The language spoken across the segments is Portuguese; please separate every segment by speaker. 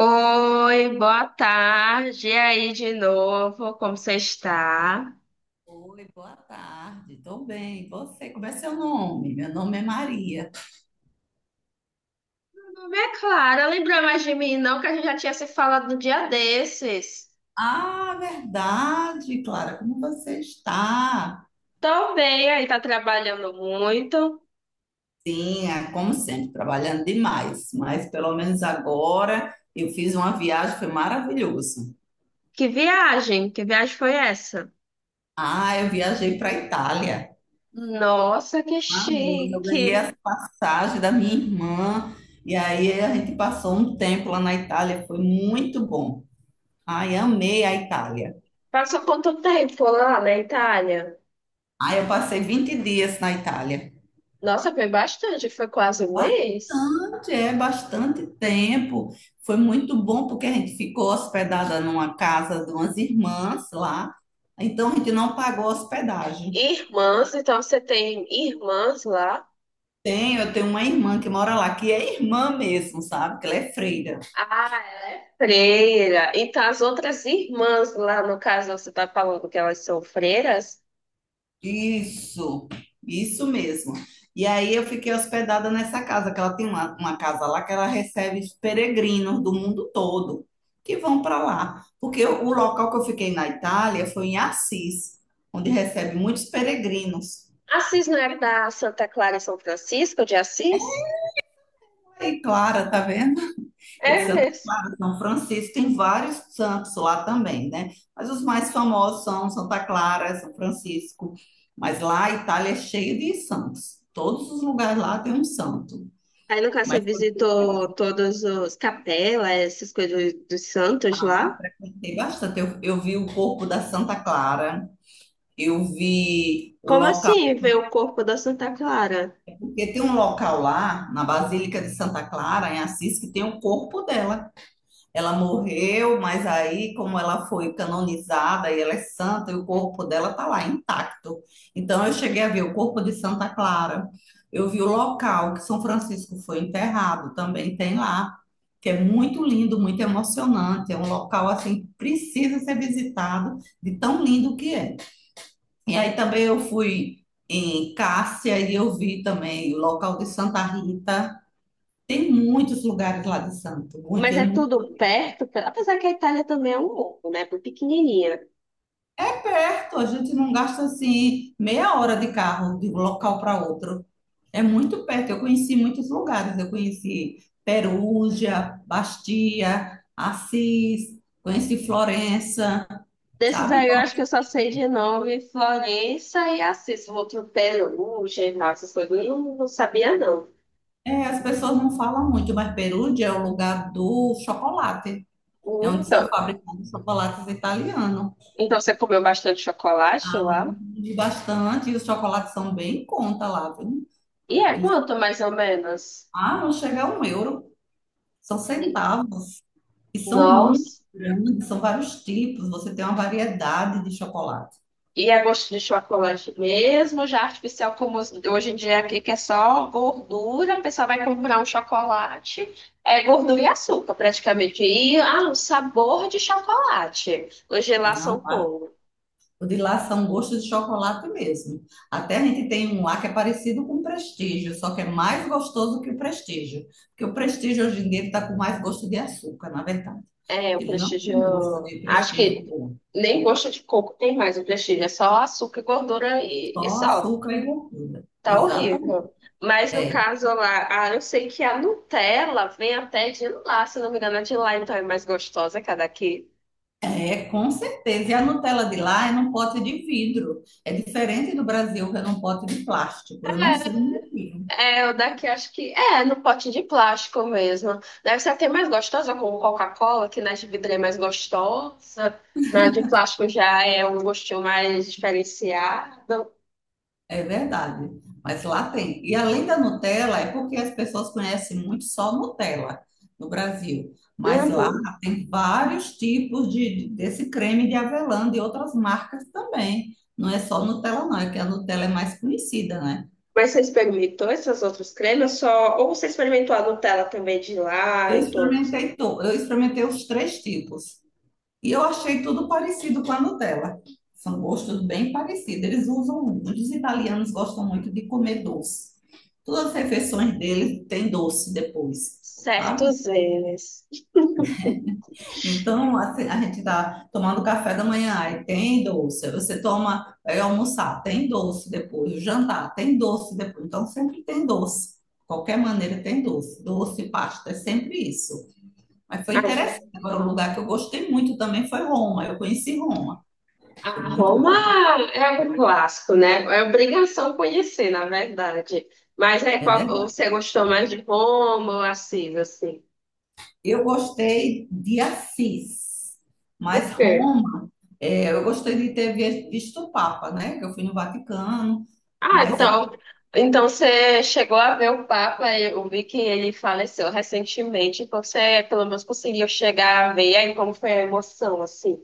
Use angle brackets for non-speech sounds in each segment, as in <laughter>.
Speaker 1: Oi, boa tarde. E aí de novo, como você está?
Speaker 2: Oi, boa tarde. Tô bem. E Você, como é seu nome? Meu nome é Maria.
Speaker 1: Meu nome é Clara. Lembra mais de mim, não, que a gente já tinha se falado no dia desses.
Speaker 2: Ah, verdade, Clara, como você está?
Speaker 1: Tô bem, aí tá trabalhando muito.
Speaker 2: Sim, é como sempre, trabalhando demais, mas pelo menos agora eu fiz uma viagem, foi maravilhoso.
Speaker 1: Que viagem? Que viagem foi essa?
Speaker 2: Ah, eu viajei para a Itália.
Speaker 1: Nossa, que
Speaker 2: Ah, eu ganhei as
Speaker 1: chique.
Speaker 2: passagens da minha irmã e aí a gente passou um tempo lá na Itália, foi muito bom. Ai, amei a Itália.
Speaker 1: Passou quanto tempo lá na Itália?
Speaker 2: Ah, eu passei 20 dias na Itália.
Speaker 1: Nossa, foi bastante, foi quase um mês.
Speaker 2: Bastante, é bastante tempo. Foi muito bom porque a gente ficou hospedada numa casa de umas irmãs lá. Então a gente não pagou hospedagem.
Speaker 1: Irmãs, então você tem irmãs lá?
Speaker 2: Tem, eu tenho uma irmã que mora lá, que é irmã mesmo, sabe? Que ela é freira.
Speaker 1: Ah, Freira. Então, as outras irmãs lá, no caso, você está falando que elas são freiras?
Speaker 2: Isso, isso mesmo. E aí eu fiquei hospedada nessa casa, que ela tem uma casa lá que ela recebe os peregrinos do mundo todo que vão para lá. Porque o local que eu fiquei na Itália foi em Assis, onde recebe muitos peregrinos.
Speaker 1: Assis não é da Santa Clara e São Francisco de Assis?
Speaker 2: Aí, Clara, tá vendo? É de
Speaker 1: É
Speaker 2: Santa
Speaker 1: mesmo.
Speaker 2: São Francisco, tem vários santos lá também, né? Mas os mais famosos são Santa Clara, São Francisco. Mas lá a Itália é cheia de santos. Todos os lugares lá tem um santo.
Speaker 1: Aí, no caso, você
Speaker 2: Mas foi
Speaker 1: visitou todos os capelas, essas coisas dos santos
Speaker 2: lá,
Speaker 1: lá?
Speaker 2: frequentei bastante. Eu vi o corpo da Santa Clara, eu vi o
Speaker 1: Como
Speaker 2: local,
Speaker 1: assim ver o corpo da Santa Clara?
Speaker 2: porque tem um local lá, na Basílica de Santa Clara, em Assis, que tem o corpo dela. Ela morreu, mas aí, como ela foi canonizada e ela é santa, e o corpo dela está lá intacto. Então, eu cheguei a ver o corpo de Santa Clara. Eu vi o local que São Francisco foi enterrado, também tem lá, que é muito lindo, muito emocionante. É um local assim, que precisa ser visitado, de tão lindo que é. E aí também eu fui em Cássia e eu vi também o local de Santa Rita. Tem muitos lugares lá de Santo, muito,
Speaker 1: Mas
Speaker 2: é
Speaker 1: é
Speaker 2: muito.
Speaker 1: tudo perto, apesar que a Itália também é um mundo, né? Bem pequenininha.
Speaker 2: É perto, a gente não gasta assim meia hora de carro de um local para outro. É muito perto. Eu conheci muitos lugares. Eu conheci Perugia, Bastia, Assis, conheci Florença,
Speaker 1: Desses
Speaker 2: sabe?
Speaker 1: aí,
Speaker 2: Então,
Speaker 1: eu acho que eu só sei de nome Florença e Assis, o outro Perugia e tal, essas coisas. Eu não sabia, não.
Speaker 2: é, as pessoas não falam muito, mas Perugia é o lugar do chocolate. É
Speaker 1: Hum.
Speaker 2: onde são
Speaker 1: Então,
Speaker 2: fabricados chocolates italianos.
Speaker 1: então você comeu bastante chocolate lá?
Speaker 2: E bastante, e os chocolates são bem em conta lá, viu?
Speaker 1: E é
Speaker 2: Eles,
Speaker 1: quanto, mais ou menos?
Speaker 2: ah, não chega a um euro, são
Speaker 1: Hum.
Speaker 2: centavos. E são muito
Speaker 1: Nossa.
Speaker 2: grandes, são vários tipos, você tem uma variedade de chocolate.
Speaker 1: E é gosto de chocolate mesmo, já artificial como hoje em dia aqui, que é só gordura, a pessoa vai comprar um chocolate, é gordura e açúcar praticamente, e ah, o sabor de chocolate, hoje lá são
Speaker 2: Não,
Speaker 1: como?
Speaker 2: o de lá são gostos de chocolate mesmo. Até a gente tem um lá que é parecido com o Prestígio, só que é mais gostoso que o Prestígio. Porque o Prestígio hoje em dia está com mais gosto de açúcar, na verdade.
Speaker 1: É, o
Speaker 2: Ele não tem gosto
Speaker 1: Prestígio.
Speaker 2: de
Speaker 1: Acho
Speaker 2: Prestígio
Speaker 1: que
Speaker 2: bom,
Speaker 1: nem gosto de coco tem mais o Prestígio. É só açúcar, gordura e
Speaker 2: só
Speaker 1: sal.
Speaker 2: açúcar e gordura.
Speaker 1: Tá
Speaker 2: Exatamente.
Speaker 1: horrível. Mas no caso lá, ah, eu sei que a Nutella vem até de lá, se não me engano, é de lá, então é mais gostosa que a daqui.
Speaker 2: É, com certeza. E a Nutella de lá é num pote de vidro. É diferente do Brasil, que é num pote de plástico. Eu não sei o
Speaker 1: É,
Speaker 2: motivo.
Speaker 1: é, o daqui acho que é no pote de plástico mesmo. Deve ser até mais gostosa com Coca-Cola, que na de vidro é mais gostosa. Na de plástico já é um gostinho mais diferenciado.
Speaker 2: É verdade, mas lá tem. E além da Nutella, é porque as pessoas conhecem muito só Nutella no Brasil. Mas lá
Speaker 1: Uhum.
Speaker 2: tem vários tipos desse creme de avelã de outras marcas também. Não é só Nutella, não, é que a Nutella é mais conhecida, né?
Speaker 1: Mas você experimentou essas outras cremas só? Ou você experimentou a Nutella também de lá
Speaker 2: Eu
Speaker 1: e todos?
Speaker 2: experimentei, eu experimentei os três tipos. E eu achei tudo parecido com a Nutella. São gostos bem parecidos. Eles usam, os italianos gostam muito de comer doce. Todas as refeições deles tem doce depois, sabe?
Speaker 1: Certos eles.
Speaker 2: Então, assim, a gente tá tomando café da manhã, aí tem doce. Aí Você toma, vai almoçar, tem doce depois. O jantar, tem doce depois. Então, sempre tem doce. Qualquer maneira tem doce. Doce, pasta, é sempre isso. Mas foi interessante.
Speaker 1: Ah,
Speaker 2: Agora, o lugar que eu gostei muito também foi Roma. Eu conheci Roma. Foi
Speaker 1: a
Speaker 2: muito
Speaker 1: Roma
Speaker 2: bom.
Speaker 1: é um clássico, né? É obrigação conhecer, na verdade. Mas é
Speaker 2: É
Speaker 1: qual,
Speaker 2: verdade.
Speaker 1: você gostou mais de Roma ou Assis, assim?
Speaker 2: Eu gostei de Assis,
Speaker 1: O
Speaker 2: mas
Speaker 1: quê?
Speaker 2: Roma, é, eu gostei de ter visto o Papa, né? Que eu fui no Vaticano,
Speaker 1: Ah,
Speaker 2: mas é,
Speaker 1: então, então você chegou a ver o Papa, eu vi que ele faleceu recentemente, então você pelo menos conseguiu chegar a ver aí como foi a emoção, assim.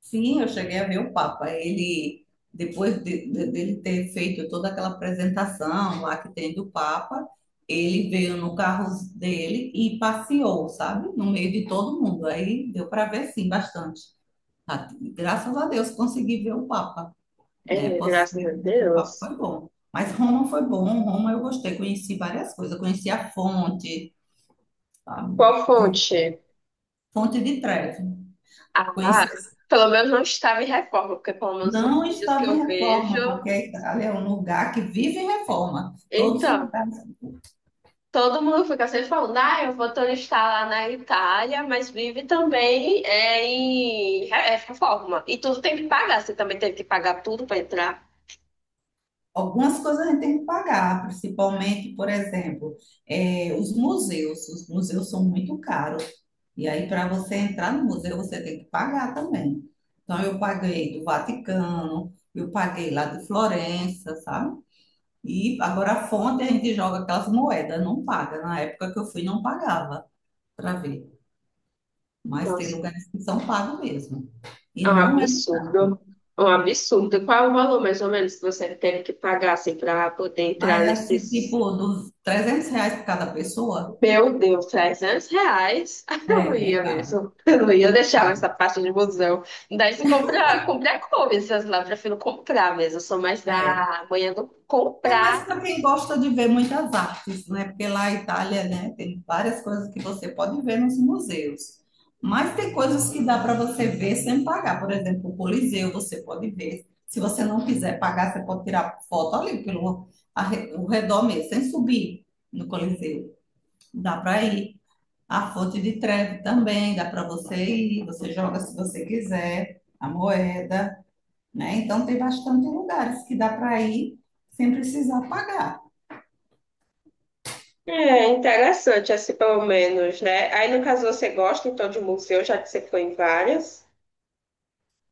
Speaker 2: sim, eu cheguei a ver o Papa. Ele, depois dele ter feito toda aquela apresentação lá que tem do Papa, ele veio no carro dele e passeou, sabe? No meio de todo mundo. Aí deu para ver, sim, bastante. Ah, Graças a Deus consegui ver o Papa. Né?
Speaker 1: É,
Speaker 2: Posso
Speaker 1: graças a
Speaker 2: dizer que o papo
Speaker 1: Deus.
Speaker 2: foi bom. Mas Roma foi bom, Roma eu gostei, conheci várias coisas, conheci a fonte, sabe?
Speaker 1: Qual
Speaker 2: De-
Speaker 1: fonte?
Speaker 2: Fonte de Trevi. Conheci,
Speaker 1: Ah, pelo menos não estava em reforma, porque pelo menos nos
Speaker 2: não
Speaker 1: vídeos que
Speaker 2: estava
Speaker 1: eu
Speaker 2: em
Speaker 1: vejo.
Speaker 2: reforma, porque ali é um lugar que vive em reforma. Todos os
Speaker 1: Então,
Speaker 2: lugares.
Speaker 1: todo mundo fica sempre falando, ah, eu vou turistar lá na Itália, mas vive também em reforma. E tudo tem que pagar, você também tem que pagar tudo para entrar.
Speaker 2: Algumas coisas a gente tem que pagar, principalmente, por exemplo, os museus. Os museus são muito caros. E aí, para você entrar no museu, você tem que pagar também. Então, eu paguei do Vaticano, eu paguei lá de Florença, sabe? E agora a fonte a gente joga aquelas moedas, não paga. Na época que eu fui, não pagava para ver. Mas tem
Speaker 1: Nossa,
Speaker 2: lugares que são pagos mesmo. E
Speaker 1: é um
Speaker 2: não é barato.
Speaker 1: absurdo. É um absurdo. E qual é o valor, mais ou menos, que você tem que pagar assim, para poder
Speaker 2: Mas
Speaker 1: entrar
Speaker 2: é assim,
Speaker 1: nesses.
Speaker 2: tipo, dos R$ 300 por cada pessoa,
Speaker 1: Meu Deus, 300 reais? <laughs> Eu não
Speaker 2: é, é
Speaker 1: ia
Speaker 2: caro.
Speaker 1: mesmo. Eu não ia deixar essa parte de museu. Daí se comprar, comprar coisas lá, eu prefiro comprar mesmo. Eu sou mais
Speaker 2: É,
Speaker 1: da manhã do
Speaker 2: é mais
Speaker 1: comprar.
Speaker 2: para quem gosta de ver muitas artes, né? Porque lá a Itália, né, tem várias coisas que você pode ver nos museus. Mas tem coisas que dá para você ver sem pagar. Por exemplo, o Coliseu você pode ver. Se você não quiser pagar, você pode tirar foto ali pelo o redor mesmo, sem subir no Coliseu. Dá para ir. A Fonte de Trevi também dá para você ir. Você joga se você quiser. A moeda, né? Então tem bastante lugares que dá para ir sem precisar pagar.
Speaker 1: É interessante, assim, pelo menos, né? Aí, no caso, você gosta, então, de museu, já que você foi em várias.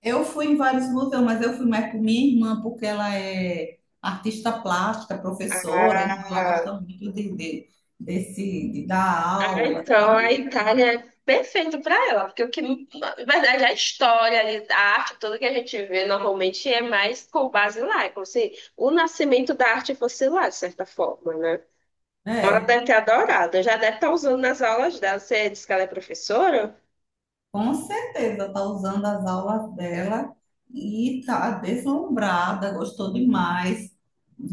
Speaker 2: Eu fui em vários museus, mas eu fui mais com minha irmã, porque ela é artista plástica, professora, então ela
Speaker 1: Ah.
Speaker 2: gosta muito de dar
Speaker 1: Ah,
Speaker 2: aula,
Speaker 1: então a Itália é perfeito para ela, porque o que, na verdade, a história, ali, a arte, tudo que a gente vê normalmente é mais com base lá, é como se o nascimento da arte fosse lá, de certa forma, né? Então ela
Speaker 2: né?
Speaker 1: deve ter adorado, já deve estar usando nas aulas dela. Você disse que ela é professora,
Speaker 2: Com certeza está usando as aulas dela e está deslumbrada, gostou demais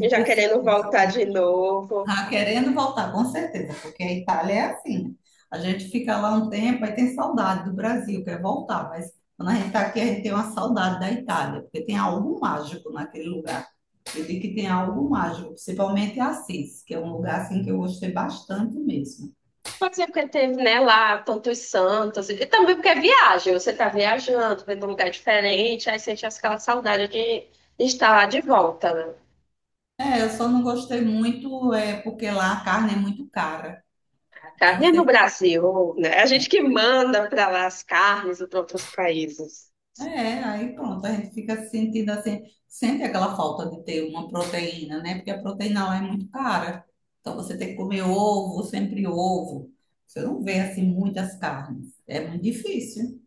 Speaker 1: e já
Speaker 2: ter feito
Speaker 1: querendo
Speaker 2: isso.
Speaker 1: voltar de novo.
Speaker 2: Ah, querendo voltar, com certeza, porque a Itália é assim. A gente fica lá um tempo, aí tem saudade do Brasil, quer voltar, mas quando a gente está aqui, a gente tem uma saudade da Itália, porque tem algo mágico naquele lugar. Eu digo que tem algo mágico, principalmente Assis, que é um lugar assim que eu gostei bastante mesmo.
Speaker 1: Pode ser porque teve, né, lá tantos santos, e também porque é viagem, você está viajando, vendo um lugar diferente, aí sente aquela saudade de estar lá de volta, né?
Speaker 2: É, eu só não gostei muito é porque lá a carne é muito cara. Então
Speaker 1: Carne é no
Speaker 2: você.
Speaker 1: Brasil, né? A gente que manda para lá as carnes para outros países.
Speaker 2: É, aí pronto, a gente fica se sentindo assim, sente aquela falta de ter uma proteína, né? Porque a proteína lá é muito cara. Então você tem que comer ovo, sempre ovo. Você não vê assim muitas carnes. É muito difícil.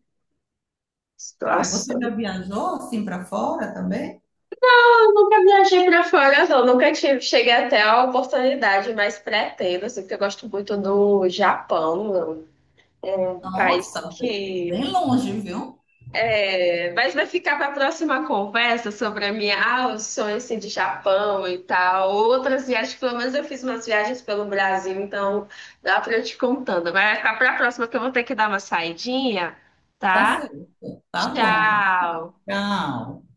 Speaker 2: Mas você
Speaker 1: Nossa.
Speaker 2: já viajou assim para fora também?
Speaker 1: Eu nunca viajei para fora, não. Nunca tive, cheguei até a oportunidade, mas pretendo, assim, porque eu gosto muito do Japão, é um país
Speaker 2: Nossa,
Speaker 1: que.
Speaker 2: bem longe, viu?
Speaker 1: É, mas vai ficar para a próxima conversa sobre a minha, ah, os sonhos assim, de Japão e tal. Outras viagens, pelo menos eu fiz umas viagens pelo Brasil, então dá para eu te contando. Vai ficar para a próxima, que eu vou ter que dar uma saidinha,
Speaker 2: Tá
Speaker 1: tá?
Speaker 2: certo. Tá bom.
Speaker 1: Tchau.
Speaker 2: Tchau.